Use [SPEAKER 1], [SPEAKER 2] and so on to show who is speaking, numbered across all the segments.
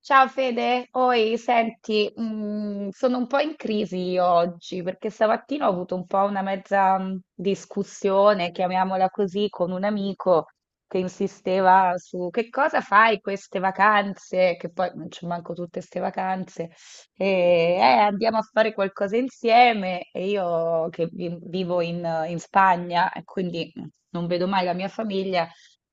[SPEAKER 1] Ciao Fede, oi, senti, sono un po' in crisi io oggi perché stamattina ho avuto un po' una mezza discussione, chiamiamola così, con un amico che insisteva su che cosa fai queste vacanze, che poi non c'è manco tutte queste vacanze, e andiamo a fare qualcosa insieme e io che vivo in Spagna e quindi non vedo mai la mia famiglia.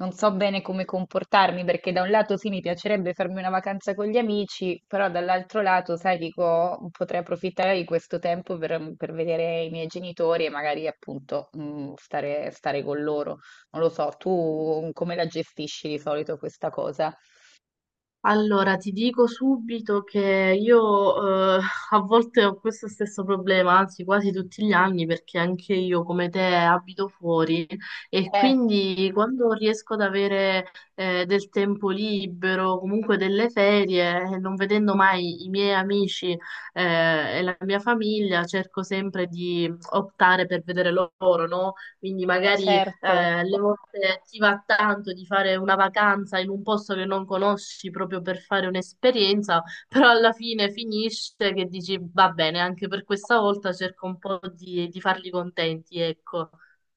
[SPEAKER 1] Non so bene come comportarmi perché da un lato sì, mi piacerebbe farmi una vacanza con gli amici, però dall'altro lato, sai, dico, potrei approfittare di questo tempo per vedere i miei genitori e magari appunto stare con loro. Non lo so, tu come la gestisci di solito questa cosa?
[SPEAKER 2] Allora, ti dico subito che io a volte ho questo stesso problema, anzi quasi tutti gli anni, perché anche io come te abito fuori e
[SPEAKER 1] Eh,
[SPEAKER 2] quindi quando riesco ad avere del tempo libero, comunque delle ferie, non vedendo mai i miei amici e la mia famiglia, cerco sempre di optare per vedere loro, no? Quindi magari
[SPEAKER 1] certo.
[SPEAKER 2] alle volte ti va tanto di fare una vacanza in un posto che non conosci proprio per fare un'esperienza, però alla fine finisce che dici va bene, anche per questa volta cerco un po' di farli contenti, ecco.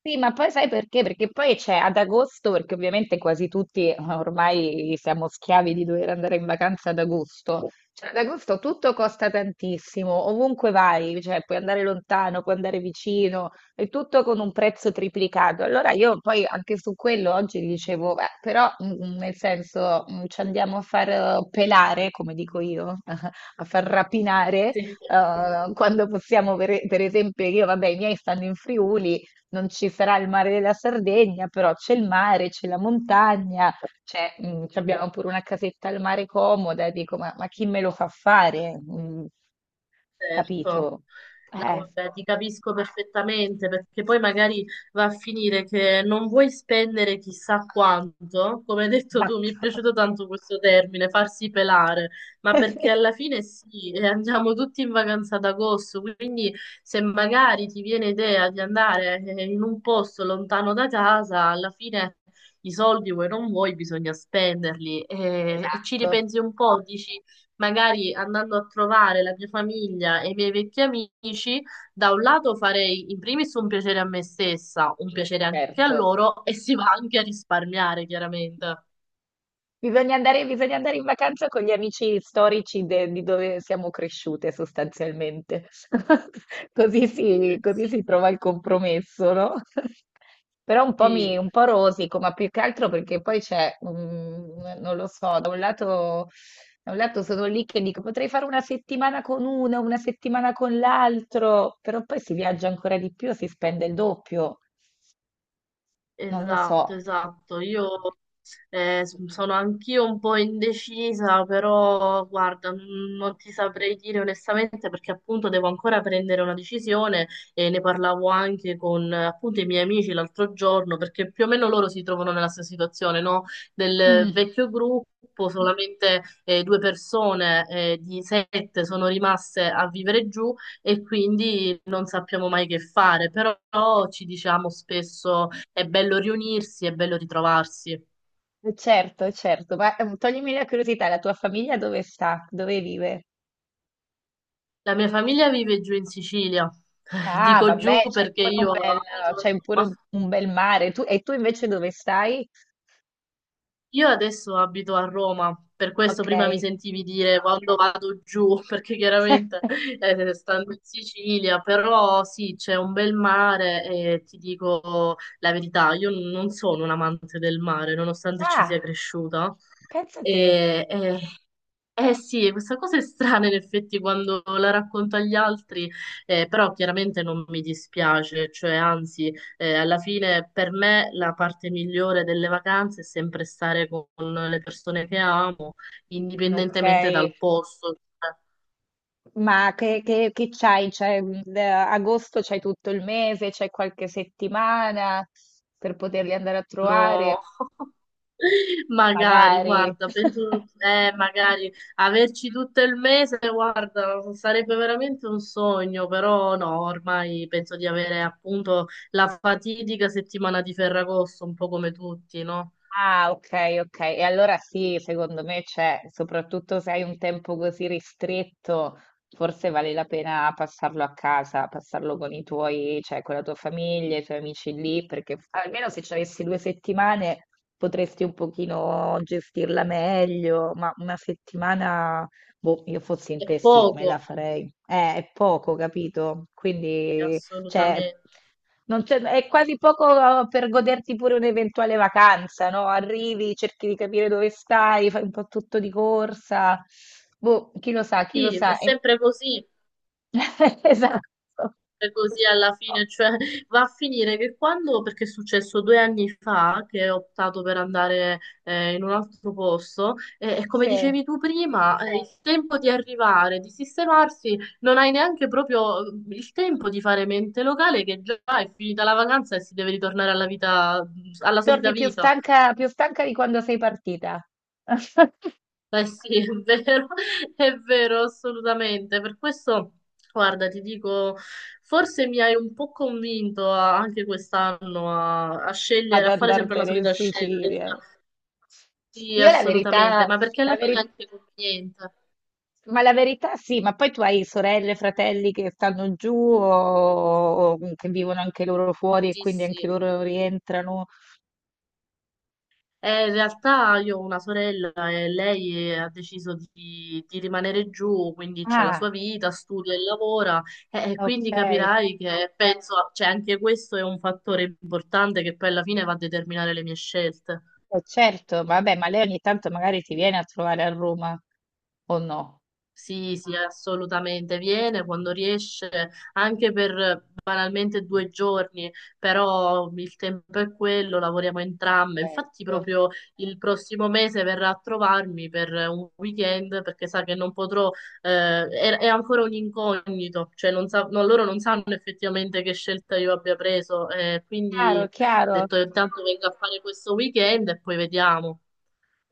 [SPEAKER 1] Sì, ma poi sai perché? Perché poi c'è ad agosto, perché ovviamente quasi tutti ormai siamo schiavi di dover andare in vacanza ad agosto. Cioè, ad agosto tutto costa tantissimo, ovunque vai, cioè puoi andare lontano, puoi andare vicino, e tutto con un prezzo triplicato. Allora io poi anche su quello oggi dicevo, beh, però nel senso ci andiamo a far pelare, come dico io, a far rapinare
[SPEAKER 2] Sì.
[SPEAKER 1] quando possiamo, per esempio, io, vabbè, i miei stanno in Friuli, non ci sarà il mare della Sardegna, però c'è il mare, c'è la montagna, c'è, ci abbiamo pure una casetta al mare comoda, e dico, ma chi me lo fa fare?
[SPEAKER 2] Certo.
[SPEAKER 1] Capito?
[SPEAKER 2] No,
[SPEAKER 1] Eh,
[SPEAKER 2] vabbè, ti capisco perfettamente perché poi magari va a finire che non vuoi spendere chissà quanto, come hai detto tu, mi è
[SPEAKER 1] esatto,
[SPEAKER 2] piaciuto tanto questo termine, farsi pelare, ma perché alla fine sì, e andiamo tutti in vacanza ad agosto, quindi se magari ti viene idea di andare in un posto lontano da casa, alla fine i soldi vuoi non vuoi, bisogna spenderli e ci
[SPEAKER 1] esatto,
[SPEAKER 2] ripensi un po', dici magari andando a trovare la mia famiglia e i miei vecchi amici, da un lato farei in primis un piacere a me stessa, un piacere anche a
[SPEAKER 1] certo.
[SPEAKER 2] loro e si va anche a risparmiare, chiaramente.
[SPEAKER 1] Bisogna andare in vacanza con gli amici storici di dove siamo cresciute sostanzialmente. Così
[SPEAKER 2] Sì,
[SPEAKER 1] si trova il compromesso, no? Però
[SPEAKER 2] sì.
[SPEAKER 1] un po' rosico, ma più che altro perché poi c'è, non lo so, da un lato sono lì che dico potrei fare una settimana con uno, una settimana con l'altro, però poi si viaggia ancora di più, si spende il doppio, non lo
[SPEAKER 2] Esatto,
[SPEAKER 1] so.
[SPEAKER 2] esatto. Io sono anch'io un po' indecisa, però guarda, non ti saprei dire onestamente perché appunto devo ancora prendere una decisione e ne parlavo anche con appunto i miei amici l'altro giorno, perché più o meno loro si trovano nella stessa situazione, no? Del
[SPEAKER 1] Mm.
[SPEAKER 2] vecchio gruppo, solamente due persone di sette sono rimaste a vivere giù e quindi non sappiamo mai che fare, però ci diciamo spesso è bello riunirsi, è bello ritrovarsi.
[SPEAKER 1] Certo, certo, ma toglimi la curiosità, la tua famiglia dove sta? Dove vive?
[SPEAKER 2] La mia famiglia vive giù in Sicilia.
[SPEAKER 1] Ah,
[SPEAKER 2] Dico giù
[SPEAKER 1] vabbè,
[SPEAKER 2] perché io abito a
[SPEAKER 1] c'hai pure
[SPEAKER 2] Roma.
[SPEAKER 1] un bel mare. E tu invece dove stai?
[SPEAKER 2] Io adesso abito a Roma, per questo prima mi
[SPEAKER 1] Ok.
[SPEAKER 2] sentivi dire quando vado giù, perché chiaramente stando in Sicilia, però sì, c'è un bel mare e ti dico la verità, io non sono un amante del mare, nonostante ci sia
[SPEAKER 1] Ah,
[SPEAKER 2] cresciuta.
[SPEAKER 1] pensa a te.
[SPEAKER 2] E, eh, eh sì, questa cosa è strana in effetti quando la racconto agli altri, però chiaramente non mi dispiace, cioè anzi, alla fine per me la parte migliore delle vacanze è sempre stare con le persone che amo,
[SPEAKER 1] Ok,
[SPEAKER 2] indipendentemente dal posto, cioè.
[SPEAKER 1] che c'hai? Da agosto c'hai tutto il mese, c'hai qualche settimana per poterli andare a trovare?
[SPEAKER 2] No, magari,
[SPEAKER 1] Magari.
[SPEAKER 2] guarda, penso, magari averci tutto il mese, guarda, sarebbe veramente un sogno, però no, ormai penso di avere appunto la fatidica settimana di Ferragosto, un po' come tutti, no?
[SPEAKER 1] Ah, ok, ok. E allora sì, secondo me c'è, soprattutto se hai un tempo così ristretto, forse vale la pena passarlo a casa, passarlo con i tuoi, cioè con la tua famiglia, i tuoi amici lì, perché almeno se ci avessi due settimane potresti un pochino gestirla meglio, ma una settimana, boh, io fossi in
[SPEAKER 2] È
[SPEAKER 1] te sì, me la
[SPEAKER 2] poco,
[SPEAKER 1] farei. È poco, capito?
[SPEAKER 2] sì,
[SPEAKER 1] Quindi cioè,
[SPEAKER 2] assolutamente.
[SPEAKER 1] non c'è- è quasi poco oh, per goderti pure un'eventuale vacanza, no? Arrivi, cerchi di capire dove stai, fai un po' tutto di corsa. Boh, chi lo sa, chi lo
[SPEAKER 2] Sì, è
[SPEAKER 1] sa. E-
[SPEAKER 2] sempre così.
[SPEAKER 1] Esatto.
[SPEAKER 2] È così alla fine, cioè va a finire che quando, perché è successo 2 anni fa che ho optato per andare in un altro posto, e come
[SPEAKER 1] Sì.
[SPEAKER 2] dicevi tu prima, il tempo di arrivare, di sistemarsi, non hai neanche proprio il tempo di fare mente locale, che già è finita la vacanza e si deve ritornare alla vita, alla solita
[SPEAKER 1] Torni
[SPEAKER 2] vita.
[SPEAKER 1] più stanca di quando sei partita
[SPEAKER 2] Eh sì, è vero, è vero, assolutamente. Per questo, guarda, ti dico, forse mi hai un po' convinto anche quest'anno a
[SPEAKER 1] ad
[SPEAKER 2] scegliere, a fare sempre la
[SPEAKER 1] andartene in
[SPEAKER 2] solita
[SPEAKER 1] Sicilia.
[SPEAKER 2] scelta. Sì,
[SPEAKER 1] Io la
[SPEAKER 2] assolutamente,
[SPEAKER 1] verità,
[SPEAKER 2] ma perché
[SPEAKER 1] la
[SPEAKER 2] alla fine è
[SPEAKER 1] veri-
[SPEAKER 2] anche conveniente.
[SPEAKER 1] sì. Ma la verità sì, ma poi tu hai sorelle, fratelli che stanno giù o che vivono anche loro fuori e
[SPEAKER 2] Sì,
[SPEAKER 1] quindi anche
[SPEAKER 2] sì.
[SPEAKER 1] loro rientrano.
[SPEAKER 2] In realtà io ho una sorella e lei ha deciso di rimanere giù, quindi c'ha la
[SPEAKER 1] Ah,
[SPEAKER 2] sua vita, studia e lavora, e
[SPEAKER 1] ok,
[SPEAKER 2] quindi
[SPEAKER 1] eh,
[SPEAKER 2] capirai che penso, cioè anche questo è un fattore importante che poi alla fine va a determinare le mie scelte.
[SPEAKER 1] certo, vabbè, ma lei ogni tanto magari ti viene a trovare a Roma o no?
[SPEAKER 2] Sì, sì, assolutamente. Viene quando riesce, anche per banalmente 2 giorni, però il tempo è quello, lavoriamo entrambe. Infatti,
[SPEAKER 1] Certo.
[SPEAKER 2] proprio il prossimo mese verrà a trovarmi per un weekend perché sa che non potrò, è ancora un incognito, cioè non sa- no, loro non sanno effettivamente che scelta io abbia preso.
[SPEAKER 1] Chiaro,
[SPEAKER 2] Quindi ho
[SPEAKER 1] chiaro.
[SPEAKER 2] detto intanto vengo a fare questo weekend e poi vediamo.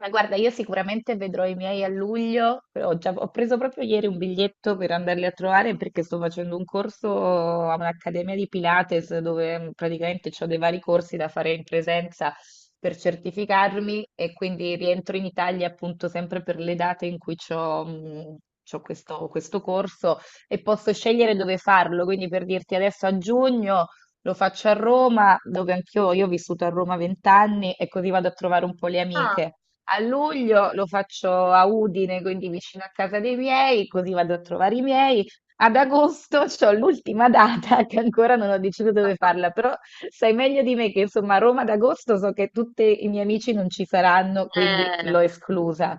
[SPEAKER 1] Ma guarda, io sicuramente vedrò i miei a luglio. Ho preso proprio ieri un biglietto per andarli a trovare perché sto facendo un corso a un'accademia di Pilates dove praticamente ho dei vari corsi da fare in presenza per certificarmi e quindi rientro in Italia appunto sempre per le date in cui ho questo corso e posso scegliere dove farlo. Quindi per dirti adesso a giugno. Lo faccio a Roma, dove anch'io io ho vissuto a Roma vent'anni e così vado a trovare un po' le
[SPEAKER 2] Ah,
[SPEAKER 1] amiche. A luglio lo faccio a Udine, quindi vicino a casa dei miei, così vado a trovare i miei. Ad agosto c'ho l'ultima data che ancora non ho deciso dove farla, però sai meglio di me che insomma a Roma ad agosto so che tutti i miei amici non ci saranno, quindi
[SPEAKER 2] eh,
[SPEAKER 1] l'ho esclusa.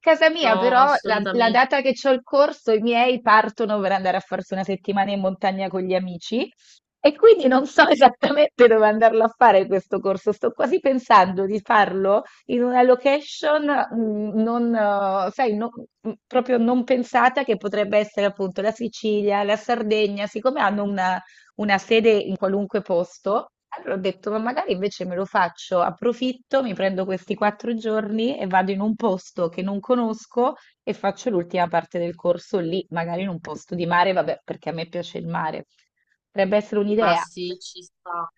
[SPEAKER 1] Casa mia
[SPEAKER 2] no,
[SPEAKER 1] però, la
[SPEAKER 2] assolutamente.
[SPEAKER 1] data che c'ho il corso, i miei partono per andare a farsi una settimana in montagna con gli amici. E quindi non so esattamente dove andarlo a fare questo corso. Sto quasi pensando di farlo in una location mm, non, sai, no- mm, proprio non pensata che potrebbe essere appunto la Sicilia, la Sardegna, siccome hanno una sede in qualunque posto, allora ho detto, ma magari invece me lo faccio, approfitto, mi prendo questi quattro giorni e vado in un posto che non conosco e faccio l'ultima parte del corso lì, magari in un posto di mare, vabbè, perché a me piace il mare. Potrebbe essere
[SPEAKER 2] Ma
[SPEAKER 1] un'idea,
[SPEAKER 2] sì,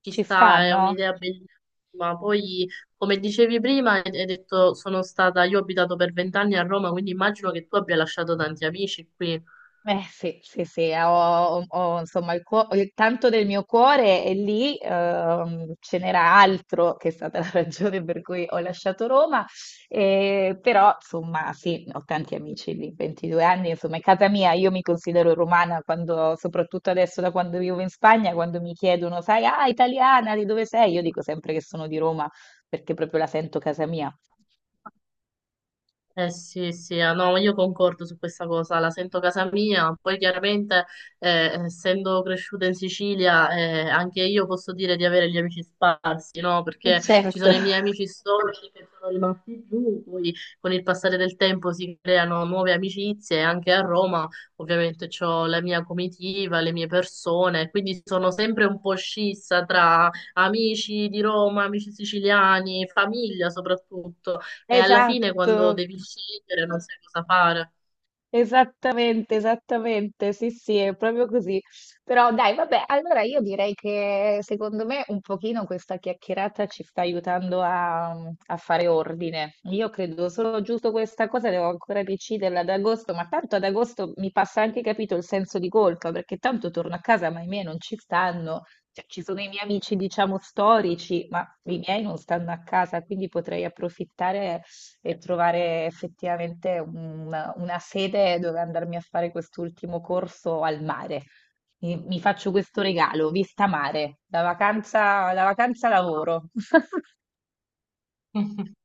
[SPEAKER 2] ci
[SPEAKER 1] ci
[SPEAKER 2] sta, è
[SPEAKER 1] stanno?
[SPEAKER 2] un'idea bellissima. Poi, come dicevi prima, hai detto, io ho abitato per 20 anni a Roma, quindi immagino che tu abbia lasciato tanti amici qui.
[SPEAKER 1] Eh sì, sì, sì, ho, insomma il tanto del mio cuore è lì, ce n'era altro che è stata la ragione per cui ho lasciato Roma, però insomma sì, ho tanti amici lì, 22 anni, insomma è casa mia, io mi considero romana quando, soprattutto adesso da quando vivo in Spagna, quando mi chiedono, sai, ah, italiana, di dove sei? Io dico sempre che sono di Roma perché proprio la sento casa mia.
[SPEAKER 2] Eh sì, sì, ah, no, io concordo su questa cosa, la sento casa mia, poi chiaramente essendo cresciuta in Sicilia anche io posso dire di avere gli amici sparsi, no?
[SPEAKER 1] E
[SPEAKER 2] Perché ci
[SPEAKER 1] certo,
[SPEAKER 2] sono i miei amici storici che sono rimasti giù, poi con il passare del tempo si creano nuove amicizie, e anche a Roma ovviamente ho la mia comitiva, le mie persone, quindi sono sempre un po' scissa tra amici di Roma, amici siciliani, famiglia soprattutto. E alla fine quando
[SPEAKER 1] esatto.
[SPEAKER 2] devi scegliere non sai cosa fare.
[SPEAKER 1] Esattamente, esattamente, sì, sì, è proprio così. Però dai, vabbè, allora io direi che secondo me un pochino questa chiacchierata ci sta aiutando a fare ordine. Io credo solo giusto questa cosa, devo ancora decidere ad agosto, ma tanto ad agosto mi passa anche capito il senso di colpa, perché tanto torno a casa, ma i miei non ci stanno. Cioè, ci sono i miei amici, diciamo, storici, ma i miei non stanno a casa, quindi potrei approfittare e trovare effettivamente una sede dove andarmi a fare quest'ultimo corso al mare. Mi faccio questo regalo, vista mare, la vacanza lavoro.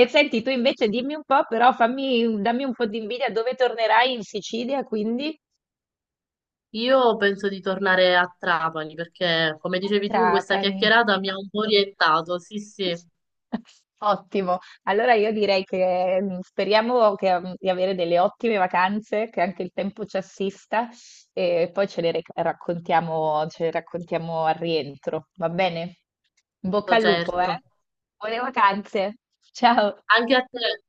[SPEAKER 1] E senti, tu invece dimmi un po', però dammi un po' di invidia, dove tornerai in Sicilia, quindi?
[SPEAKER 2] Io penso di tornare a Trapani perché, come
[SPEAKER 1] A
[SPEAKER 2] dicevi tu, questa
[SPEAKER 1] Trapani.
[SPEAKER 2] chiacchierata mi ha un po' orientato. Sì, sì,
[SPEAKER 1] Ottimo, allora io direi che speriamo di avere delle ottime vacanze, che anche il tempo ci assista e poi raccontiamo, ce le raccontiamo al rientro, va bene? In bocca al lupo,
[SPEAKER 2] certo.
[SPEAKER 1] eh? Buone vacanze, ciao!
[SPEAKER 2] Anche a te.